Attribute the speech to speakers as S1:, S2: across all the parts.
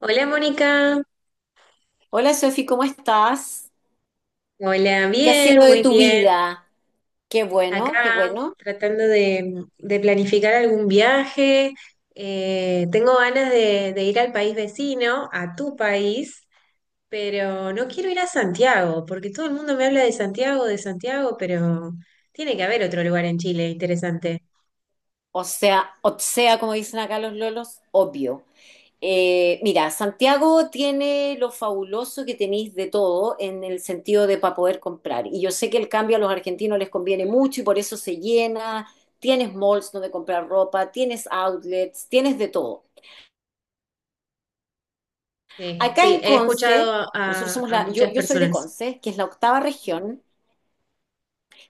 S1: Hola Mónica,
S2: Hola Sofi, ¿cómo estás?
S1: hola,
S2: ¿Qué ha
S1: bien,
S2: sido de
S1: muy
S2: tu
S1: bien.
S2: vida? Qué
S1: Acá
S2: bueno, qué bueno.
S1: tratando de planificar algún viaje. Tengo ganas de ir al país vecino, a tu país, pero no quiero ir a Santiago, porque todo el mundo me habla de Santiago, pero tiene que haber otro lugar en Chile interesante.
S2: O sea, como dicen acá los lolos, obvio. Mira, Santiago tiene lo fabuloso que tenéis de todo en el sentido de para poder comprar. Y yo sé que el cambio a los argentinos les conviene mucho y por eso se llena. Tienes malls donde comprar ropa, tienes outlets, tienes de todo.
S1: Sí,
S2: Acá
S1: sí,
S2: en
S1: he
S2: Conce,
S1: escuchado
S2: nosotros
S1: a,
S2: somos
S1: a
S2: la, yo,
S1: muchas
S2: yo soy de
S1: personas.
S2: Conce, que es la octava región.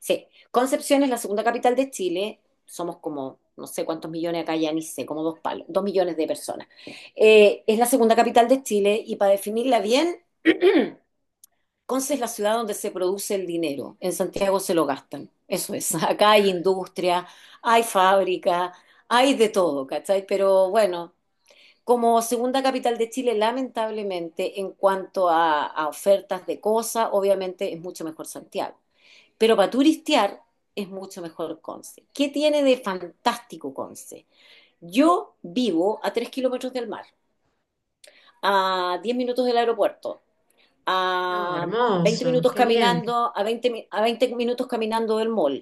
S2: Sí, Concepción es la segunda capital de Chile. Somos como, no sé cuántos millones acá, ya ni sé, como 2 palos, 2 millones de personas. Es la segunda capital de Chile y para definirla bien, Conce es la ciudad donde se produce el dinero. En Santiago se lo gastan. Eso es. Acá hay industria, hay fábrica, hay de todo, ¿cachai? Pero bueno, como segunda capital de Chile, lamentablemente, en cuanto a ofertas de cosas, obviamente es mucho mejor Santiago. Pero para turistear es mucho mejor Conce. ¿Qué tiene de fantástico Conce? Yo vivo a 3 kilómetros del mar, a 10 minutos del aeropuerto,
S1: No,
S2: a 20
S1: hermoso,
S2: minutos
S1: qué bien.
S2: caminando, a veinte minutos caminando del mall.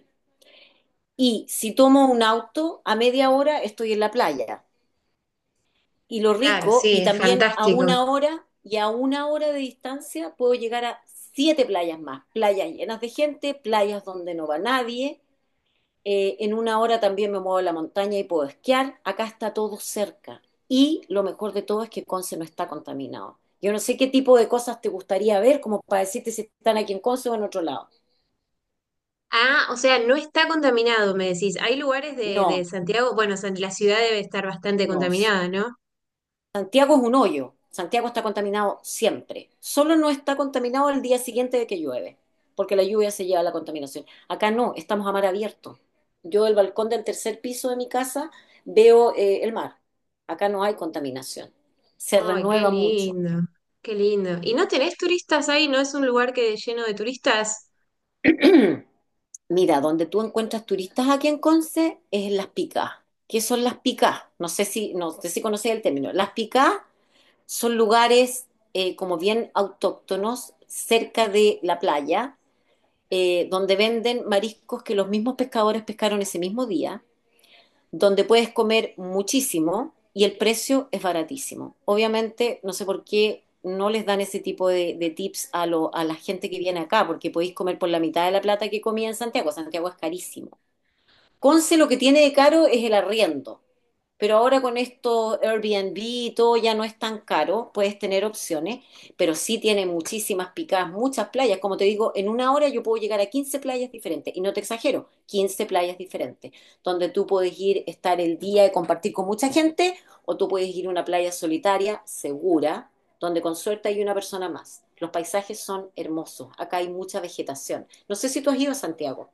S2: Y si tomo un auto, a media hora estoy en la playa. Y lo
S1: Claro,
S2: rico,
S1: sí,
S2: y
S1: es
S2: también a
S1: fantástico.
S2: una hora y a una hora de distancia puedo llegar a siete playas más. Playas llenas de gente, playas donde no va nadie, en una hora también me muevo a la montaña y puedo esquiar, acá está todo cerca. Y lo mejor de todo es que Conce no está contaminado. Yo no sé qué tipo de cosas te gustaría ver, como para decirte si están aquí en Conce o en otro lado.
S1: Ah, o sea, no está contaminado, me decís. Hay lugares de
S2: No,
S1: Santiago, bueno, la ciudad debe estar bastante
S2: no,
S1: contaminada, ¿no?
S2: Santiago es un hoyo. Santiago está contaminado siempre. Solo no está contaminado el día siguiente de que llueve, porque la lluvia se lleva a la contaminación. Acá no, estamos a mar abierto. Yo del balcón del tercer piso de mi casa veo el mar. Acá no hay contaminación. Se
S1: Ay, qué
S2: renueva mucho.
S1: lindo, qué lindo. ¿Y no tenés turistas ahí? ¿No es un lugar que lleno de turistas?
S2: Mira, donde tú encuentras turistas aquí en Conce es en las picas. ¿Qué son las picas? No sé si conocéis el término. Las picas son lugares, como bien autóctonos, cerca de la playa, donde venden mariscos que los mismos pescadores pescaron ese mismo día, donde puedes comer muchísimo y el precio es baratísimo. Obviamente, no sé por qué no les dan ese tipo de tips a la gente que viene acá, porque podéis comer por la mitad de la plata que comía en Santiago. Santiago es carísimo. Conce lo que tiene de caro es el arriendo. Pero ahora con esto Airbnb y todo ya no es tan caro, puedes tener opciones, pero sí tiene muchísimas picadas, muchas playas. Como te digo, en una hora yo puedo llegar a 15 playas diferentes, y no te exagero, 15 playas diferentes, donde tú puedes ir, estar el día y compartir con mucha gente, o tú puedes ir a una playa solitaria, segura, donde con suerte hay una persona más. Los paisajes son hermosos, acá hay mucha vegetación. No sé si tú has ido a Santiago.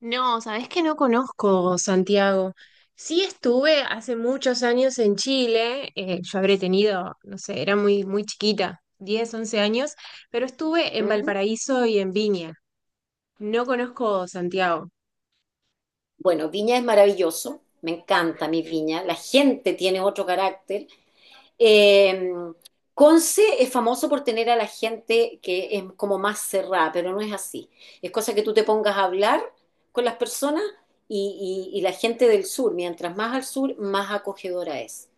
S1: No, sabés que no conozco Santiago. Sí estuve hace muchos años en Chile, yo habré tenido, no sé, era muy, muy chiquita, 10, 11 años, pero estuve en Valparaíso y en Viña. No conozco Santiago.
S2: Bueno, Viña es maravilloso, me encanta mi Viña, la gente tiene otro carácter. Eh, Conce es famoso por tener a la gente que es como más cerrada, pero no es así. Es cosa que tú te pongas a hablar con las personas y, y la gente del sur, mientras más al sur, más acogedora es.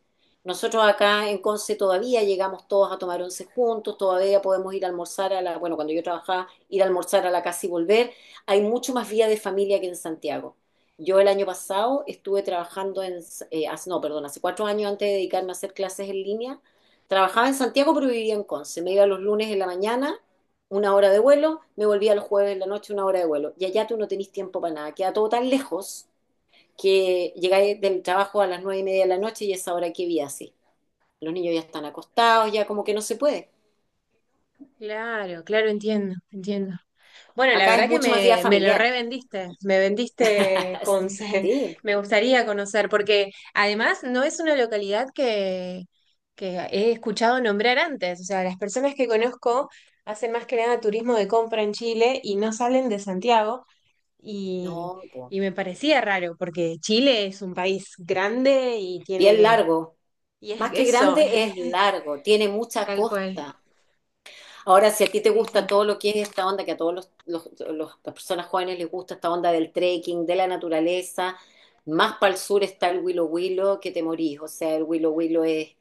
S2: Nosotros acá en Conce todavía llegamos todos a tomar once juntos, todavía podemos ir a almorzar a la, bueno, cuando yo trabajaba, ir a almorzar a la casa y volver. Hay mucho más vida de familia que en Santiago. Yo el año pasado estuve trabajando en, no, perdón, hace 4 años antes de dedicarme a hacer clases en línea, trabajaba en Santiago pero vivía en Conce. Me iba los lunes en la mañana, una hora de vuelo, me volvía los jueves en la noche, una hora de vuelo. Y allá tú no tenés tiempo para nada, queda todo tan lejos que llegáis del trabajo a las 9:30 de la noche y es ahora que vi así. Los niños ya están acostados, ya como que no se puede.
S1: Claro, claro, entiendo, entiendo. Bueno, la
S2: Acá es
S1: verdad que
S2: mucho más vida
S1: me lo
S2: familiar.
S1: revendiste, me vendiste con...
S2: Sí,
S1: Me gustaría conocer, porque además no es una localidad que he escuchado nombrar antes. O sea, las personas que conozco hacen más que nada turismo de compra en Chile y no salen de Santiago. Y,
S2: no, po.
S1: y me parecía raro, porque Chile es un país grande y
S2: Bien
S1: tiene...
S2: largo.
S1: Y es
S2: Más que
S1: eso, es
S2: grande es largo, tiene mucha
S1: tal cual.
S2: costa. Ahora, si a ti te
S1: Sí,
S2: gusta
S1: sí.
S2: todo lo que es esta onda, que a todos las personas jóvenes les gusta esta onda del trekking, de la naturaleza, más para el sur está el Willow Willow, que te morís. O sea, el Willow Willow es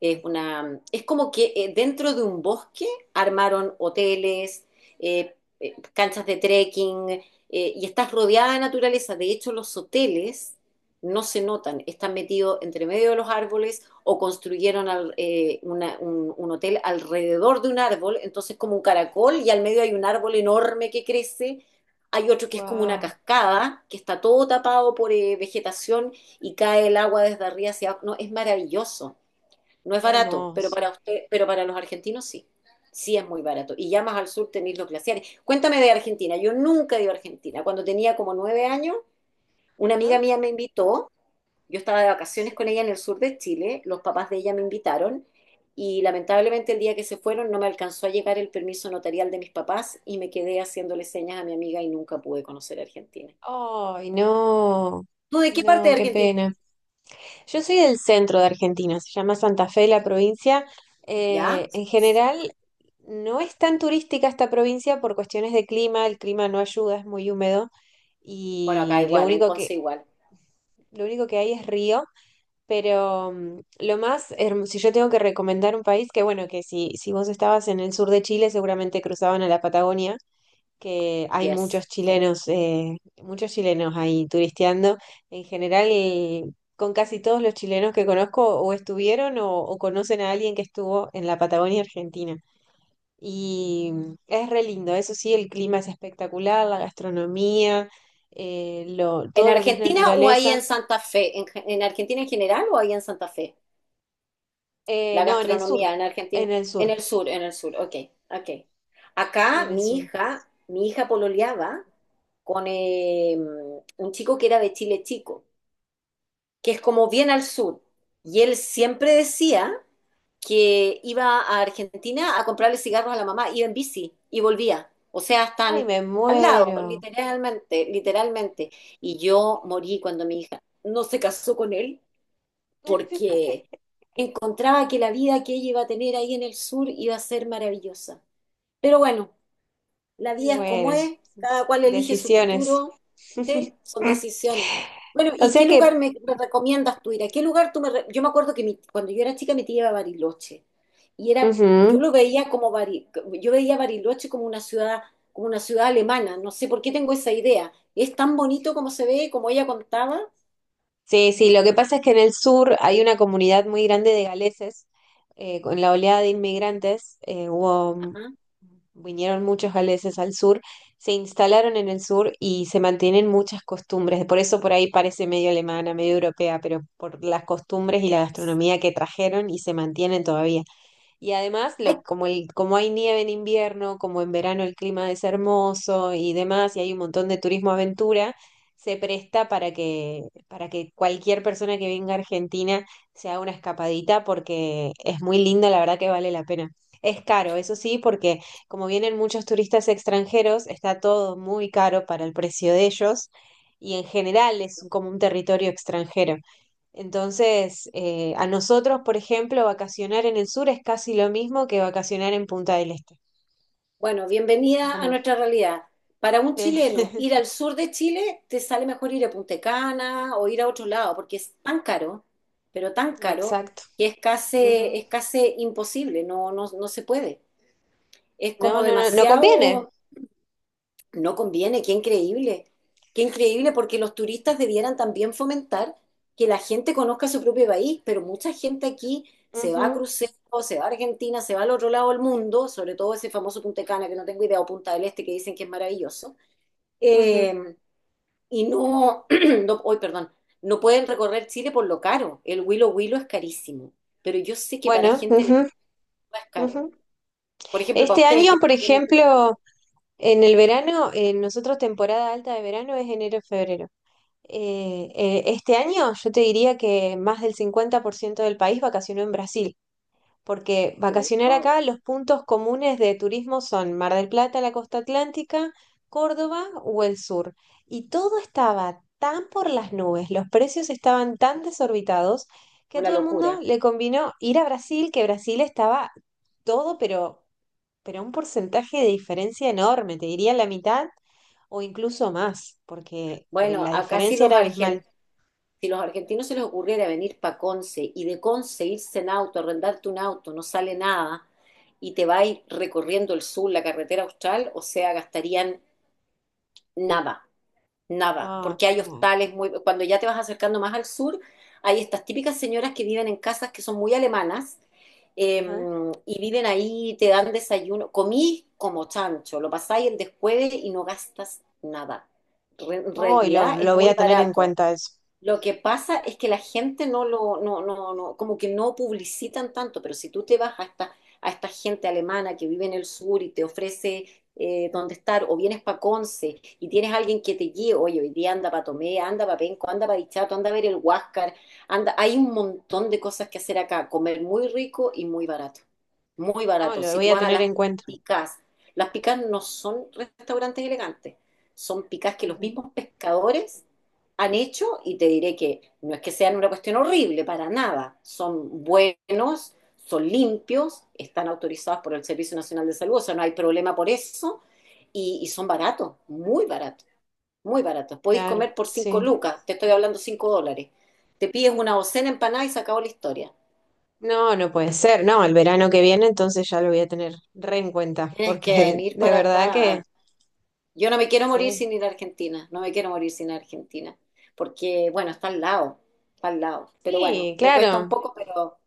S2: es, una, es como que dentro de un bosque armaron hoteles, eh, canchas de trekking, y estás rodeada de naturaleza. De hecho, los hoteles no se notan, están metidos entre medio de los árboles o construyeron un hotel alrededor de un árbol, entonces como un caracol y al medio hay un árbol enorme que crece, hay otro que es como una
S1: Wow,
S2: cascada, que está todo tapado por vegetación y cae el agua desde arriba hacia abajo. No, es maravilloso. No es
S1: qué
S2: barato, pero
S1: hermoso.
S2: para usted, pero para los argentinos sí. Sí es muy barato. Y ya más al sur tenéis los glaciares. Cuéntame de Argentina. Yo nunca he ido a Argentina. Cuando tenía como 9 años, una
S1: Ajá.
S2: amiga mía me invitó. Yo estaba de vacaciones con ella en el sur de Chile. Los papás de ella me invitaron. Y lamentablemente el día que se fueron no me alcanzó a llegar el permiso notarial de mis papás y me quedé haciéndole señas a mi amiga y nunca pude conocer Argentina.
S1: Ay, no,
S2: ¿Tú de qué parte
S1: no,
S2: de
S1: qué
S2: Argentina?
S1: pena. Yo soy del centro de Argentina, se llama Santa Fe la provincia.
S2: ¿Ya?
S1: En general, no es tan turística esta provincia por cuestiones de clima, el clima no ayuda, es muy húmedo
S2: Bueno, acá
S1: y
S2: igual, en Conce igual.
S1: lo único que hay es río, pero mm, lo más hermoso, si yo tengo que recomendar un país, que bueno, que si, si vos estabas en el sur de Chile, seguramente cruzaban a la Patagonia que hay
S2: Yes. Sí.
S1: muchos chilenos ahí turisteando. En general, con casi todos los chilenos que conozco o estuvieron o conocen a alguien que estuvo en la Patagonia Argentina. Y es re lindo, eso sí, el clima es espectacular, la gastronomía,
S2: ¿En
S1: todo lo que es
S2: Argentina o ahí
S1: naturaleza.
S2: en Santa Fe? ¿En Argentina en general o ahí en Santa Fe? La
S1: No, en el sur,
S2: gastronomía en Argentina.
S1: en el
S2: En
S1: sur,
S2: el sur, en el sur. Ok, ok. Acá
S1: en el
S2: mi
S1: sur.
S2: hija, mi hija pololeaba con un chico que era de Chile Chico, que es como bien al sur. Y él siempre decía que iba a Argentina a comprarle cigarros a la mamá, iba en bici y volvía. O sea,
S1: Ay,
S2: están
S1: me
S2: al lado,
S1: muero.
S2: literalmente, literalmente. Y yo morí cuando mi hija no se casó con él porque encontraba que la vida que ella iba a tener ahí en el sur iba a ser maravillosa. Pero bueno. La
S1: Y
S2: vida es como
S1: bueno,
S2: es, cada cual elige su
S1: decisiones.
S2: futuro, ¿sí? Son decisiones. Bueno,
S1: O
S2: ¿y
S1: sea
S2: qué lugar
S1: que,
S2: me recomiendas tú ir? ¿A qué lugar tú me...? Yo me acuerdo que cuando yo era chica mi tía iba a Bariloche y era, yo
S1: ujú,
S2: lo veía como yo veía Bariloche como una ciudad alemana. No sé por qué tengo esa idea. ¿Es tan bonito como se ve, como ella contaba?
S1: sí, sí, lo que pasa es que en el sur hay una comunidad muy grande de galeses. Con la oleada de inmigrantes, hubo, mm,
S2: Ajá.
S1: vinieron muchos galeses al sur, se instalaron en el sur y se mantienen muchas costumbres. Por eso por ahí parece medio alemana, medio europea, pero por las
S2: Eh,
S1: costumbres y
S2: eh,
S1: la gastronomía que trajeron y se mantienen todavía. Y además,
S2: Hay
S1: como hay nieve en invierno, como en verano el clima es hermoso y demás, y hay un montón de turismo aventura, se presta para que cualquier persona que venga a Argentina se haga una escapadita porque es muy lindo, la verdad que vale la pena. Es caro, eso sí, porque como vienen muchos turistas extranjeros, está todo muy caro para el precio de ellos y en general es como un territorio extranjero. Entonces, a nosotros, por ejemplo, vacacionar en el sur es casi lo mismo que vacacionar en Punta del Este.
S2: Bueno,
S1: Así
S2: bienvenida a
S1: como,
S2: nuestra realidad. Para un
S1: eh,
S2: chileno, ir al sur de Chile te sale mejor ir a Punta Cana o ir a otro lado, porque es tan caro, pero tan caro,
S1: exacto.
S2: que
S1: Ujú.
S2: es casi imposible, no, no, no se puede. Es
S1: No,
S2: como
S1: no, no, no conviene.
S2: demasiado, no conviene, qué increíble. Qué increíble porque los turistas debieran también fomentar que la gente conozca su propio país, pero mucha gente aquí se va a
S1: Ujú,
S2: crucero, se va a Argentina, se va al otro lado del mundo, sobre todo ese famoso Punta Cana que no tengo idea, o Punta del Este que dicen que es maravilloso,
S1: ujú.
S2: eh, y no, no, hoy, perdón, no pueden recorrer Chile por lo caro. El Huilo Huilo es carísimo, pero yo sé que para
S1: Bueno,
S2: gente de
S1: ujú,
S2: Cuba es caro.
S1: ujú.
S2: Por ejemplo, para
S1: Este
S2: ustedes
S1: año,
S2: que les
S1: por
S2: conviene el tipo de cambio.
S1: ejemplo, en el verano, nosotros temporada alta de verano es enero-febrero. Este año yo te diría que más del 50% del país vacacionó en Brasil. Porque
S2: Oh,
S1: vacacionar
S2: wow,
S1: acá, los puntos comunes de turismo son Mar del Plata, la costa atlántica, Córdoba o el sur. Y todo estaba tan por las nubes, los precios estaban tan desorbitados que a
S2: una
S1: todo el mundo
S2: locura.
S1: le convino ir a Brasil, que Brasil estaba todo, pero un porcentaje de diferencia enorme, te diría la mitad o incluso más, porque
S2: Bueno,
S1: la
S2: acá si
S1: diferencia
S2: los
S1: era abismal.
S2: argen- si los argentinos se les ocurriera venir para Conce y de Conce irse en auto, arrendarte un auto, no sale nada, y te va a ir recorriendo el sur, la carretera austral, o sea, gastarían nada, nada,
S1: Ah,
S2: porque hay
S1: claro.
S2: hostales muy... Cuando ya te vas acercando más al sur, hay estas típicas señoras que viven en casas que son muy alemanas, eh,
S1: Ajá.
S2: y viven ahí, te dan desayuno, comís como chancho, lo pasáis el descueve y no gastas nada. En
S1: Oh,
S2: realidad es
S1: lo voy
S2: muy
S1: a tener en
S2: barato.
S1: cuenta eso.
S2: Lo que pasa es que la gente no lo, no, no, no, como que no publicitan tanto, pero si tú te vas a esta gente alemana que vive en el sur y te ofrece dónde estar, o vienes para Conce y tienes alguien que te guíe, oye, hoy día anda para Tomé, anda para Penco, anda para Dichato, anda a ver el Huáscar, anda, hay un montón de cosas que hacer acá, comer muy rico y muy barato, muy
S1: No,
S2: barato.
S1: lo
S2: Si
S1: voy
S2: tú
S1: a
S2: vas a
S1: tener en cuenta.
S2: picás, las picás no son restaurantes elegantes, son picás que los
S1: Ujú,
S2: mismos pescadores han hecho y te diré que no es que sean una cuestión horrible, para nada. Son buenos, son limpios, están autorizados por el Servicio Nacional de Salud, o sea, no hay problema por eso. Y son baratos, muy baratos, muy baratos. Podéis
S1: claro,
S2: comer por 5
S1: sí.
S2: lucas, te estoy hablando $5. Te pides una docena empanada y se acabó la historia.
S1: No, no puede ser, no, el verano que viene entonces ya lo voy a tener re en cuenta,
S2: Tienes que
S1: porque
S2: venir
S1: de
S2: para
S1: verdad
S2: acá
S1: que
S2: a Yo no me quiero morir
S1: sí,
S2: sin ir a Argentina, no me quiero morir sin Argentina, porque bueno, está al lado, pero bueno,
S1: sí,
S2: me cuesta un
S1: claro,
S2: poco,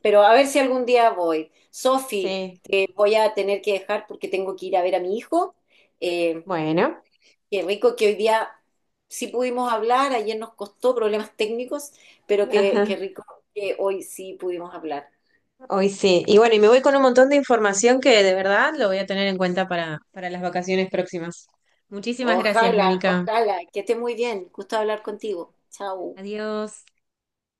S2: pero a ver si algún día voy. Sofi,
S1: sí,
S2: te voy a tener que dejar porque tengo que ir a ver a mi hijo. Eh,
S1: bueno,
S2: qué rico que hoy día sí pudimos hablar, ayer nos costó problemas técnicos, pero qué
S1: ajá,
S2: rico que hoy sí pudimos hablar.
S1: hoy sí. Y bueno, y me voy con un montón de información que de verdad lo voy a tener en cuenta para las vacaciones próximas. Muchísimas gracias,
S2: Ojalá,
S1: Mónica.
S2: ojalá, que esté muy bien, gusto hablar contigo. Chao.
S1: Adiós.